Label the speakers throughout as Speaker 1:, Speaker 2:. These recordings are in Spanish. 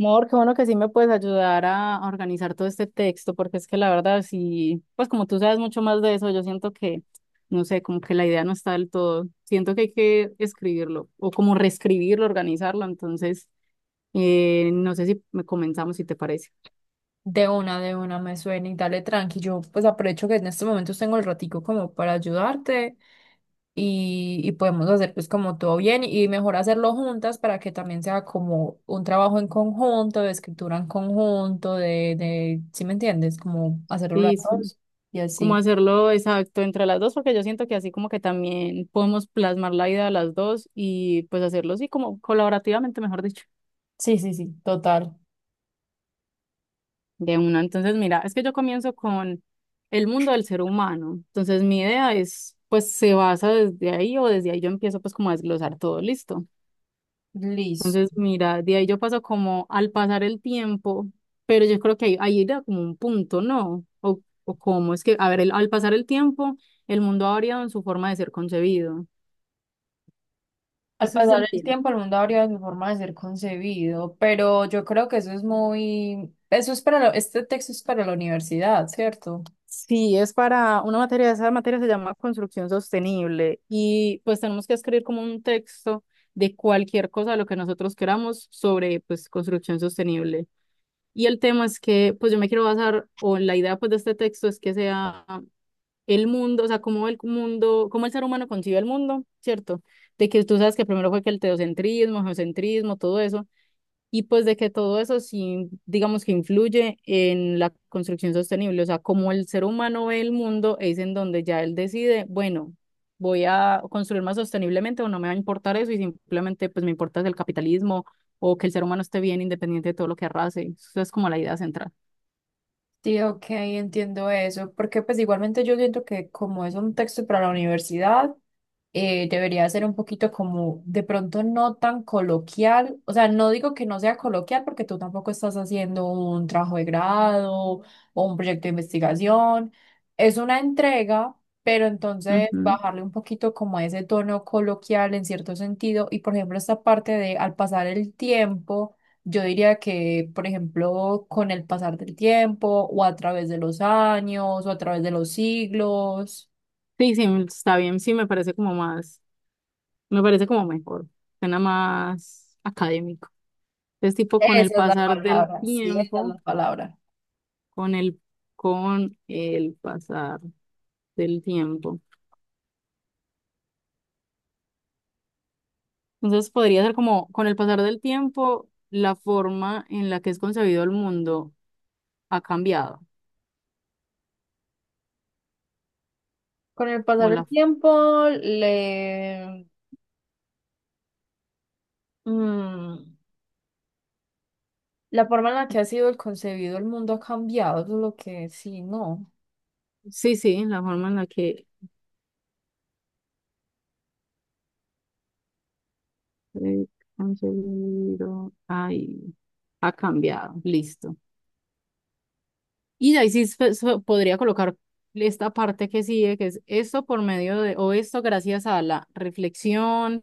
Speaker 1: Mor, qué bueno que sí me puedes ayudar a organizar todo este texto, porque es que la verdad, sí, pues como tú sabes mucho más de eso, yo siento que, no sé, como que la idea no está del todo. Siento que hay que escribirlo o como reescribirlo, organizarlo. Entonces, no sé si me comenzamos, si te parece.
Speaker 2: De una, me suena y dale tranqui. Yo pues aprovecho que en estos momentos tengo el ratico como para ayudarte y podemos hacer pues como todo bien y mejor hacerlo juntas para que también sea como un trabajo en conjunto, de escritura en conjunto, de, ¿sí me entiendes? Como hacerlo las
Speaker 1: Sí, sí,
Speaker 2: dos y
Speaker 1: como
Speaker 2: así.
Speaker 1: hacerlo exacto entre las dos, porque yo siento que así como que también podemos plasmar la idea de las dos y pues hacerlo así como colaborativamente, mejor dicho.
Speaker 2: Sí, sí, sí, total.
Speaker 1: De una. Entonces, mira, es que yo comienzo con el mundo del ser humano. Entonces, mi idea es, pues, se basa desde ahí o desde ahí yo empiezo, pues, como a desglosar todo, listo. Entonces,
Speaker 2: Listo.
Speaker 1: mira, de ahí yo paso como al pasar el tiempo, pero yo creo que ahí era como un punto, ¿no? O cómo es que, a ver, al pasar el tiempo, el mundo ha variado en su forma de ser concebido.
Speaker 2: Al
Speaker 1: Eso sí se
Speaker 2: pasar el
Speaker 1: entiende.
Speaker 2: tiempo, el mundo habría su forma de ser concebido, pero yo creo que eso es muy, eso es para, este texto es para la universidad, ¿cierto?
Speaker 1: Sí, es para una materia, esa materia se llama construcción sostenible y pues tenemos que escribir como un texto de cualquier cosa de lo que nosotros queramos sobre pues construcción sostenible. Y el tema es que pues yo me quiero basar o la idea pues de este texto es que sea el mundo, o sea, cómo el mundo, cómo el ser humano concibe el mundo, ¿cierto? De que tú sabes que primero fue que el teocentrismo, geocentrismo, todo eso y pues de que todo eso sí, digamos que influye en la construcción sostenible, o sea, como el ser humano ve el mundo, es en donde ya él decide, bueno, voy a construir más sosteniblemente o no me va a importar eso y simplemente pues me importa el capitalismo o que el ser humano esté bien independiente de todo lo que arrase. Eso es como la idea central.
Speaker 2: Sí, ok, entiendo eso, porque pues igualmente yo siento que como es un texto para la universidad, debería ser un poquito como de pronto no tan coloquial, o sea, no digo que no sea coloquial porque tú tampoco estás haciendo un trabajo de grado o un proyecto de investigación, es una entrega, pero entonces
Speaker 1: Ujú.
Speaker 2: bajarle un poquito como a ese tono coloquial en cierto sentido y por ejemplo esta parte de al pasar el tiempo. Yo diría que, por ejemplo, con el pasar del tiempo o a través de los años o a través de los siglos.
Speaker 1: Sí, sí, está bien, sí, me parece como más, me parece como mejor, suena más académico. Es tipo
Speaker 2: Esa
Speaker 1: con el
Speaker 2: es la
Speaker 1: pasar del
Speaker 2: palabra, sí, esa es
Speaker 1: tiempo.
Speaker 2: la palabra.
Speaker 1: con el, con el pasar del tiempo. Entonces podría ser como con el pasar del tiempo, la forma en la que es concebido el mundo ha cambiado.
Speaker 2: Con el pasar
Speaker 1: O
Speaker 2: del
Speaker 1: la,
Speaker 2: tiempo, mm, la forma en la que ha sido el concebido el mundo ha cambiado, eso es lo que sí, no.
Speaker 1: sí, sí, la forma en la que es concebido ay, ha cambiado. Listo. Y de ahí sí se podría colocar esta parte que sigue, que es esto por medio de, o esto gracias a la reflexión,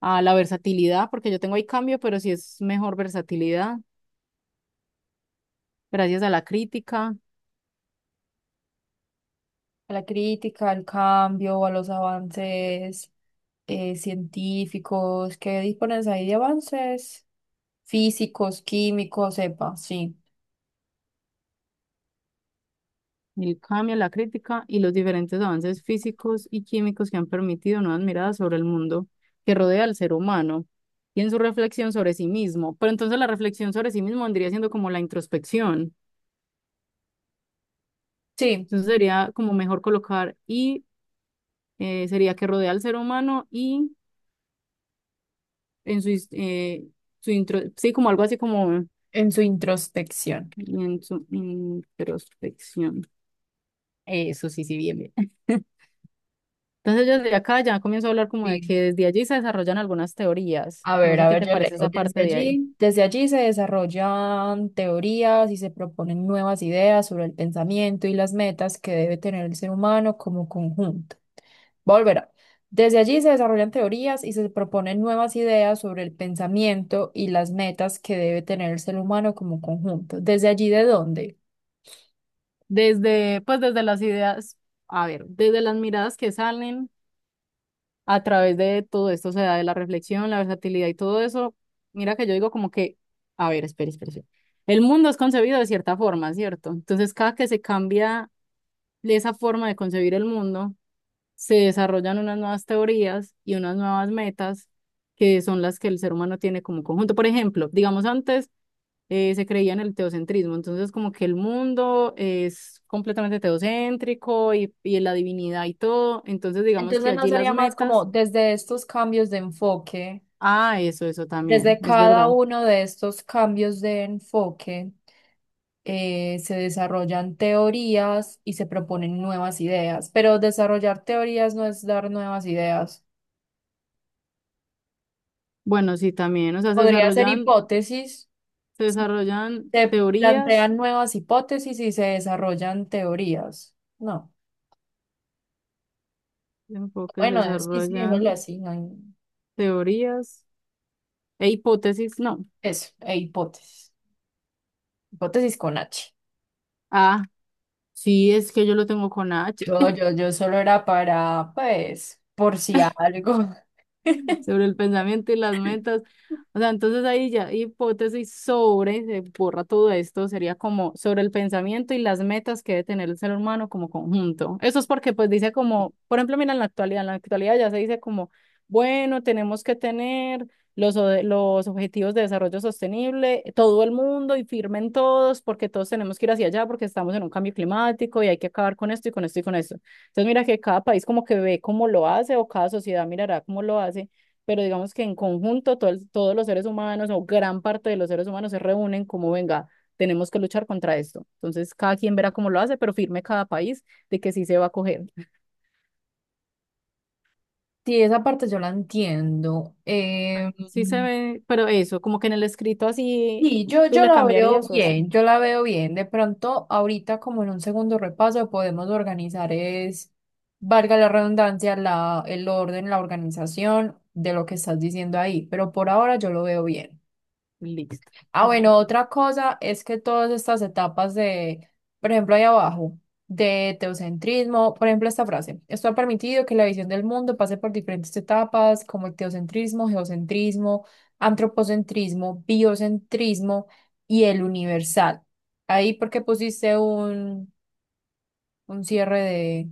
Speaker 1: a la versatilidad, porque yo tengo ahí cambio, pero sí es mejor versatilidad gracias a la crítica,
Speaker 2: A la crítica, al cambio, a los avances científicos, que dispones ahí de avances físicos, químicos, sepa, sí.
Speaker 1: el cambio en la crítica y los diferentes avances físicos y químicos que han permitido nuevas miradas sobre el mundo que rodea al ser humano y en su reflexión sobre sí mismo. Pero entonces la reflexión sobre sí mismo vendría siendo como la introspección.
Speaker 2: Sí,
Speaker 1: Entonces sería como mejor colocar y sería que rodea al ser humano y en su, su intro, sí, como algo así como
Speaker 2: en su introspección.
Speaker 1: en su introspección. Eso sí, sí, bien, bien. Entonces yo desde acá ya comienzo a hablar como de
Speaker 2: Sí.
Speaker 1: que desde allí se desarrollan algunas teorías. No sé
Speaker 2: A
Speaker 1: qué
Speaker 2: ver,
Speaker 1: te
Speaker 2: yo
Speaker 1: parece
Speaker 2: leo.
Speaker 1: esa
Speaker 2: Desde
Speaker 1: parte de ahí.
Speaker 2: allí, desde allí se desarrollan teorías y se proponen nuevas ideas sobre el pensamiento y las metas que debe tener el ser humano como conjunto. Volverá. Desde allí se desarrollan teorías y se proponen nuevas ideas sobre el pensamiento y las metas que debe tener el ser humano como conjunto. ¿Desde allí de dónde?
Speaker 1: Pues desde las ideas, a ver, desde las miradas que salen a través de todo esto, o sea, de la reflexión, la versatilidad y todo eso, mira que yo digo como que, a ver, espera, espera, espera. El mundo es concebido de cierta forma, ¿cierto? Entonces cada que se cambia esa forma de concebir el mundo, se desarrollan unas nuevas teorías y unas nuevas metas que son las que el ser humano tiene como conjunto. Por ejemplo, digamos antes se creía en el teocentrismo, entonces como que el mundo es completamente teocéntrico y la divinidad y todo, entonces digamos que
Speaker 2: Entonces no
Speaker 1: allí las
Speaker 2: sería más como
Speaker 1: metas,
Speaker 2: desde estos cambios de enfoque,
Speaker 1: ah, eso también,
Speaker 2: desde
Speaker 1: es
Speaker 2: cada
Speaker 1: verdad.
Speaker 2: uno de estos cambios de enfoque. Se desarrollan teorías y se proponen nuevas ideas, pero desarrollar teorías no es dar nuevas ideas.
Speaker 1: Bueno, sí, también, o sea, se
Speaker 2: Podría ser
Speaker 1: desarrollan,
Speaker 2: hipótesis,
Speaker 1: se
Speaker 2: si
Speaker 1: desarrollan
Speaker 2: se
Speaker 1: teorías,
Speaker 2: plantean nuevas hipótesis y se desarrollan teorías. No,
Speaker 1: enfoques, se
Speaker 2: bueno, sí, sí, déjalo
Speaker 1: desarrollan
Speaker 2: así, no hay-
Speaker 1: teorías e hipótesis, no.
Speaker 2: eso, e hipótesis, hipótesis con H.
Speaker 1: Ah, sí, es que yo lo tengo con H.
Speaker 2: Yo solo era para, pues, por si algo.
Speaker 1: Sobre el pensamiento y las metas. O sea, entonces ahí ya hipótesis sobre, se borra todo esto, sería como sobre el pensamiento y las metas que debe tener el ser humano como conjunto. Eso es porque pues dice como, por ejemplo, mira en la actualidad ya se dice como, bueno, tenemos que tener los objetivos de desarrollo sostenible, todo el mundo y firmen todos porque todos tenemos que ir hacia allá porque estamos en un cambio climático y hay que acabar con esto y con esto y con esto. Entonces mira que cada país como que ve cómo lo hace o cada sociedad mirará cómo lo hace pero digamos que en conjunto todos los seres humanos o gran parte de los seres humanos se reúnen como, venga, tenemos que luchar contra esto. Entonces, cada quien verá cómo lo hace, pero firme cada país de que sí se va a coger.
Speaker 2: Sí, esa parte yo la entiendo.
Speaker 1: Sí se ve, pero eso, como que en el escrito así,
Speaker 2: Sí, yo,
Speaker 1: tú
Speaker 2: yo
Speaker 1: le
Speaker 2: la veo
Speaker 1: cambiarías o así.
Speaker 2: bien, yo la veo bien. De pronto, ahorita como en un segundo repaso podemos organizar es, valga la redundancia, el orden, la organización de lo que estás diciendo ahí, pero por ahora yo lo veo bien.
Speaker 1: Listo.
Speaker 2: Ah, bueno, otra cosa es que todas estas etapas de, por ejemplo, ahí abajo, de teocentrismo, por ejemplo, esta frase, esto ha permitido que la visión del mundo pase por diferentes etapas como el teocentrismo, geocentrismo, antropocentrismo, biocentrismo y el universal. Ahí porque pusiste un cierre.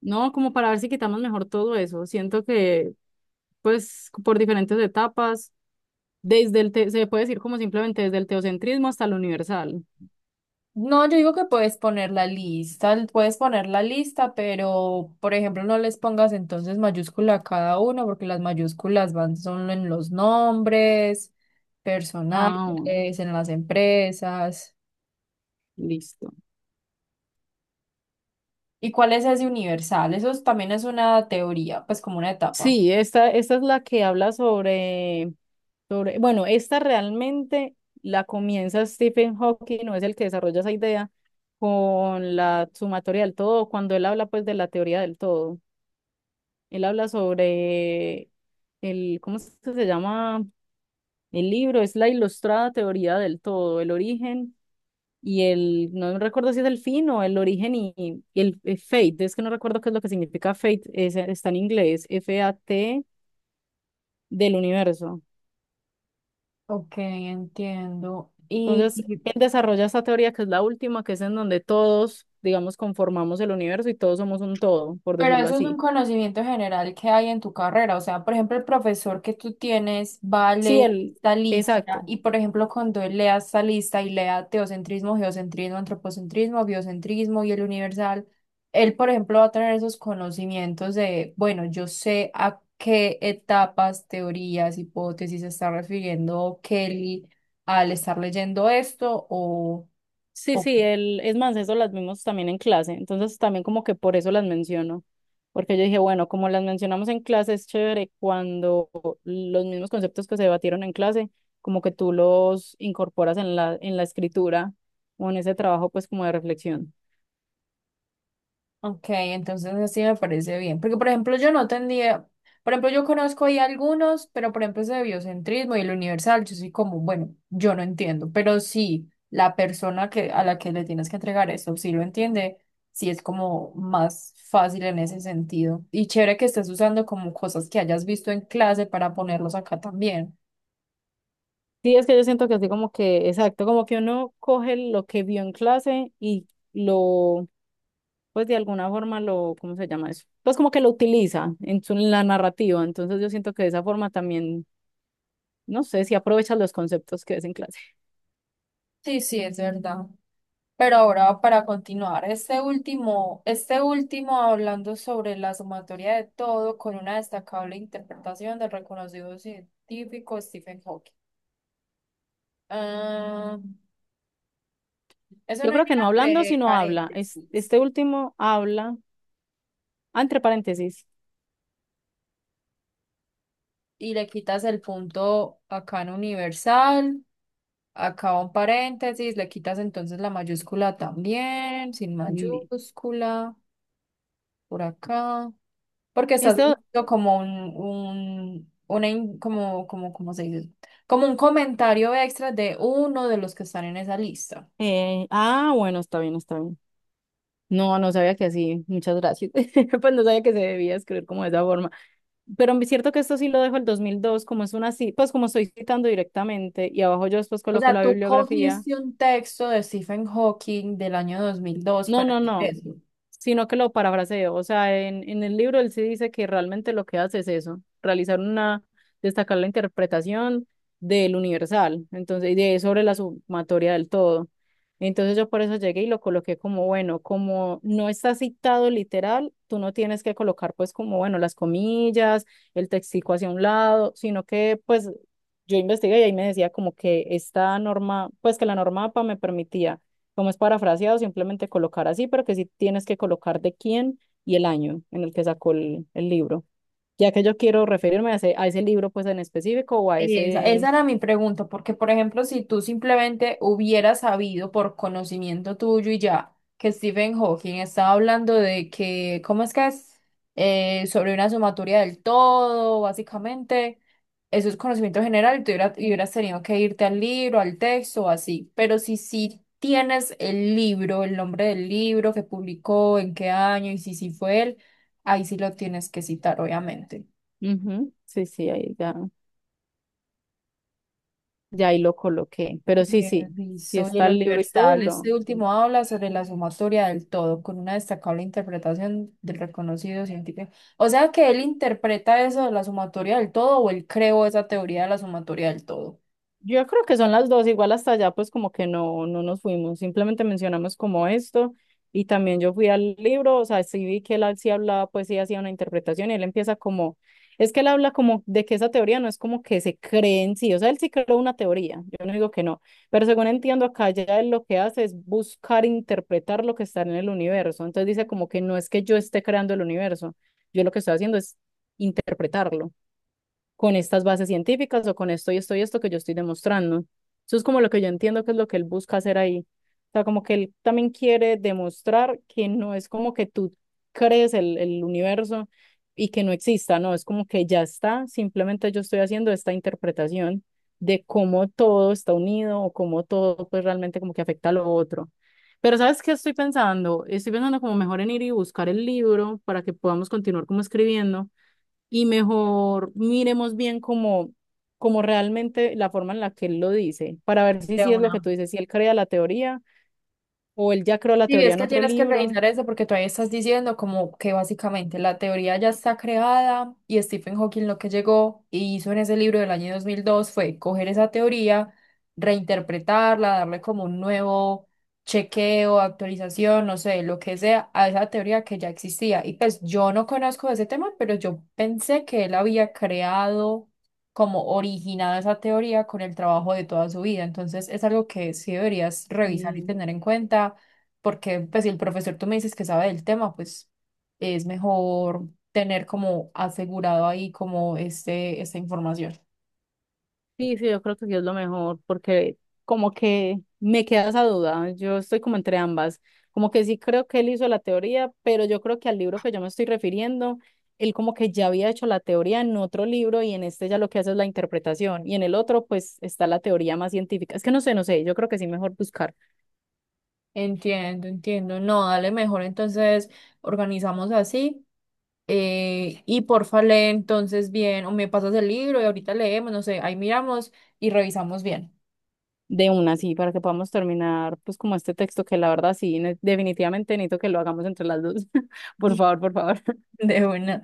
Speaker 1: No, como para ver si quitamos mejor todo eso. Siento que, pues, por diferentes etapas, desde se puede decir como simplemente desde el teocentrismo hasta el universal.
Speaker 2: No, yo digo que puedes poner la lista, puedes poner la lista, pero por ejemplo no les pongas entonces mayúscula a cada uno, porque las mayúsculas van solo en los nombres, personales,
Speaker 1: Ah, bueno,
Speaker 2: en las empresas.
Speaker 1: listo.
Speaker 2: ¿Y cuál es ese universal? También es una teoría, pues como una etapa.
Speaker 1: Sí, esta es la que habla sobre, bueno, esta realmente la comienza Stephen Hawking, no es el que desarrolla esa idea, con la sumatoria del todo, cuando él habla pues de la teoría del todo. Él habla sobre el, ¿cómo es que se llama? El libro, es la ilustrada teoría del todo, el origen y el, no recuerdo si es el fin o el origen y el fate, es que no recuerdo qué es lo que significa fate, está en inglés, F-A-T del universo.
Speaker 2: Ok, entiendo. Y.
Speaker 1: Entonces, él desarrolla esta teoría que es la última, que es en donde todos, digamos, conformamos el universo y todos somos un todo, por
Speaker 2: Pero
Speaker 1: decirlo
Speaker 2: eso es un
Speaker 1: así.
Speaker 2: conocimiento general que hay en tu carrera. O sea, por ejemplo, el profesor que tú tienes va a
Speaker 1: Sí,
Speaker 2: leer
Speaker 1: él,
Speaker 2: esta lista
Speaker 1: exacto.
Speaker 2: y, por ejemplo, cuando él lea esta lista y lea teocentrismo, geocentrismo, antropocentrismo, biocentrismo y el universal, él, por ejemplo, va a tener esos conocimientos de, bueno, yo sé a qué etapas, teorías, hipótesis se está refiriendo Kelly al estar leyendo esto
Speaker 1: Sí,
Speaker 2: o
Speaker 1: sí,
Speaker 2: qué.
Speaker 1: él, es más, eso las vimos también en clase, entonces también como que por eso las menciono, porque yo dije, bueno, como las mencionamos en clase, es chévere cuando los mismos conceptos que se debatieron en clase, como que tú los incorporas en la escritura o en ese trabajo, pues como de reflexión.
Speaker 2: Ok, entonces así me parece bien. Porque, por ejemplo, yo no tendría, por ejemplo, yo conozco ahí algunos, pero por ejemplo, ese de biocentrismo y el universal, yo soy como, bueno, yo no entiendo, pero sí, la persona que, a la que le tienes que entregar eso, sí lo entiende, sí es como más fácil en ese sentido. Y chévere que estés usando como cosas que hayas visto en clase para ponerlos acá también.
Speaker 1: Sí, es que yo siento que así como que, exacto, como que uno coge lo que vio en clase y lo, pues de alguna forma lo, ¿cómo se llama eso? Pues como que lo utiliza en su, en la narrativa. Entonces yo siento que de esa forma también, no sé, si aprovechas los conceptos que ves en clase.
Speaker 2: Sí, sí, es verdad. Pero ahora para continuar, este último hablando sobre la sumatoria de todo con una destacable interpretación del reconocido científico Stephen Hawking. Ah, eso
Speaker 1: Yo
Speaker 2: no
Speaker 1: creo que
Speaker 2: llega
Speaker 1: no hablando,
Speaker 2: entre
Speaker 1: sino habla.
Speaker 2: paréntesis.
Speaker 1: Este último habla, ah, entre paréntesis,
Speaker 2: Y le quitas el punto acá en universal, acá un paréntesis, le quitas entonces la mayúscula también, sin
Speaker 1: li-
Speaker 2: mayúscula, por acá. Porque estás
Speaker 1: este,
Speaker 2: viendo como un, una in- como, como, ¿cómo se dice? Como un comentario extra de uno de los que están en esa lista.
Speaker 1: ah, bueno, está bien, está bien. No, no sabía que así, muchas gracias. Pues no sabía que se debía escribir como de esa forma. Pero es cierto que esto sí lo dejo el 2002 como es una, pues como estoy citando directamente y abajo yo después
Speaker 2: O
Speaker 1: coloco
Speaker 2: sea,
Speaker 1: la
Speaker 2: tú
Speaker 1: bibliografía.
Speaker 2: cogiste un texto de Stephen Hawking del año 2002
Speaker 1: No,
Speaker 2: para
Speaker 1: no, no.
Speaker 2: eso.
Speaker 1: Sino que lo parafraseo. O sea, en el libro él sí dice que realmente lo que hace es eso, realizar una, destacar la interpretación del universal, entonces, y de sobre la sumatoria del todo. Entonces yo por eso llegué y lo coloqué como, bueno, como no está citado literal, tú no tienes que colocar pues como, bueno, las comillas, el textico hacia un lado, sino que pues yo investigué y ahí me decía como que esta norma, pues que la norma APA me permitía como es parafraseado, simplemente colocar así, pero que sí tienes que colocar de quién y el año en el que sacó el libro. Ya que yo quiero referirme a ese libro pues en específico o a
Speaker 2: Esa,
Speaker 1: ese...
Speaker 2: esa era mi pregunta, porque por ejemplo, si tú simplemente hubieras sabido por conocimiento tuyo y ya que Stephen Hawking estaba hablando de que, ¿cómo es que es? Sobre una sumatoria del todo, básicamente, eso es conocimiento general y tú y hubieras tenido que irte al libro, al texto o así, pero si sí tienes el libro, el nombre del libro que publicó, en qué año y si sí fue él, ahí sí lo tienes que citar, obviamente.
Speaker 1: Ujú, sí, sí, ahí ya, ya ahí lo coloqué. Pero sí, sí, sí
Speaker 2: Listo, y el
Speaker 1: está el libro y todo y
Speaker 2: Universal este último habla sobre la sumatoria del todo, con una destacable interpretación del reconocido científico. O sea que él interpreta eso de la sumatoria del todo, o él creó esa teoría de la sumatoria del todo.
Speaker 1: Yo creo que son las dos, igual hasta allá pues como que no, no nos fuimos, simplemente mencionamos como esto y también yo fui al libro, o sea, sí vi que sí hablaba, pues sí hacía una interpretación y él empieza como, es que él habla como de que esa teoría no es como que se cree en sí, o sea, él sí creó una teoría, yo no digo que no, pero según entiendo acá ya él lo que hace es buscar interpretar lo que está en el universo, entonces dice como que no es que yo esté creando el universo, yo lo que estoy haciendo es interpretarlo con estas bases científicas o con esto y esto y esto que yo estoy demostrando. Eso es como lo que yo entiendo que es lo que él busca hacer ahí. O sea, como que él también quiere demostrar que no es como que tú crees el universo y que no exista, no, es como que ya está, simplemente yo estoy haciendo esta interpretación de cómo todo está unido o cómo todo pues realmente como que afecta a lo otro. Pero ¿sabes qué estoy pensando? Estoy pensando como mejor en ir y buscar el libro para que podamos continuar como escribiendo y mejor miremos bien como realmente la forma en la que él lo dice, para ver si,
Speaker 2: De
Speaker 1: si es lo que
Speaker 2: una.
Speaker 1: tú dices, si él crea la teoría o él ya creó la
Speaker 2: Sí,
Speaker 1: teoría
Speaker 2: es
Speaker 1: en
Speaker 2: que
Speaker 1: otro
Speaker 2: tienes que
Speaker 1: libro.
Speaker 2: revisar eso porque todavía estás diciendo como que básicamente la teoría ya está creada y Stephen Hawking lo que llegó y hizo en ese libro del año 2002 fue coger esa teoría, reinterpretarla, darle como un nuevo chequeo, actualización, no sé, lo que sea, a esa teoría que ya existía. Y pues yo no conozco ese tema, pero yo pensé que él había creado como originado esa teoría con el trabajo de toda su vida. Entonces es algo que sí deberías revisar y
Speaker 1: Y
Speaker 2: tener en cuenta porque pues si el profesor tú me dices que sabe del tema, pues es mejor tener como asegurado ahí como este, esta información.
Speaker 1: sí, sí, yo creo que sí es lo mejor, porque como que me queda esa duda, yo estoy como entre ambas, como que sí creo que él hizo la teoría, pero yo creo que al libro que yo me estoy refiriendo, él como que ya había hecho la teoría en otro libro y en este ya lo que hace es la interpretación y en el otro pues está la teoría más científica. Es que no sé, no sé, yo creo que sí mejor buscar.
Speaker 2: Entiendo, entiendo. No, dale mejor. Entonces, organizamos así. Y porfa, lee entonces bien, o me pasas el libro y ahorita leemos, no sé, ahí miramos y revisamos bien.
Speaker 1: De una así para que podamos terminar pues como este texto que la verdad sí, definitivamente necesito que lo hagamos entre las dos. Por favor, por favor.
Speaker 2: De una.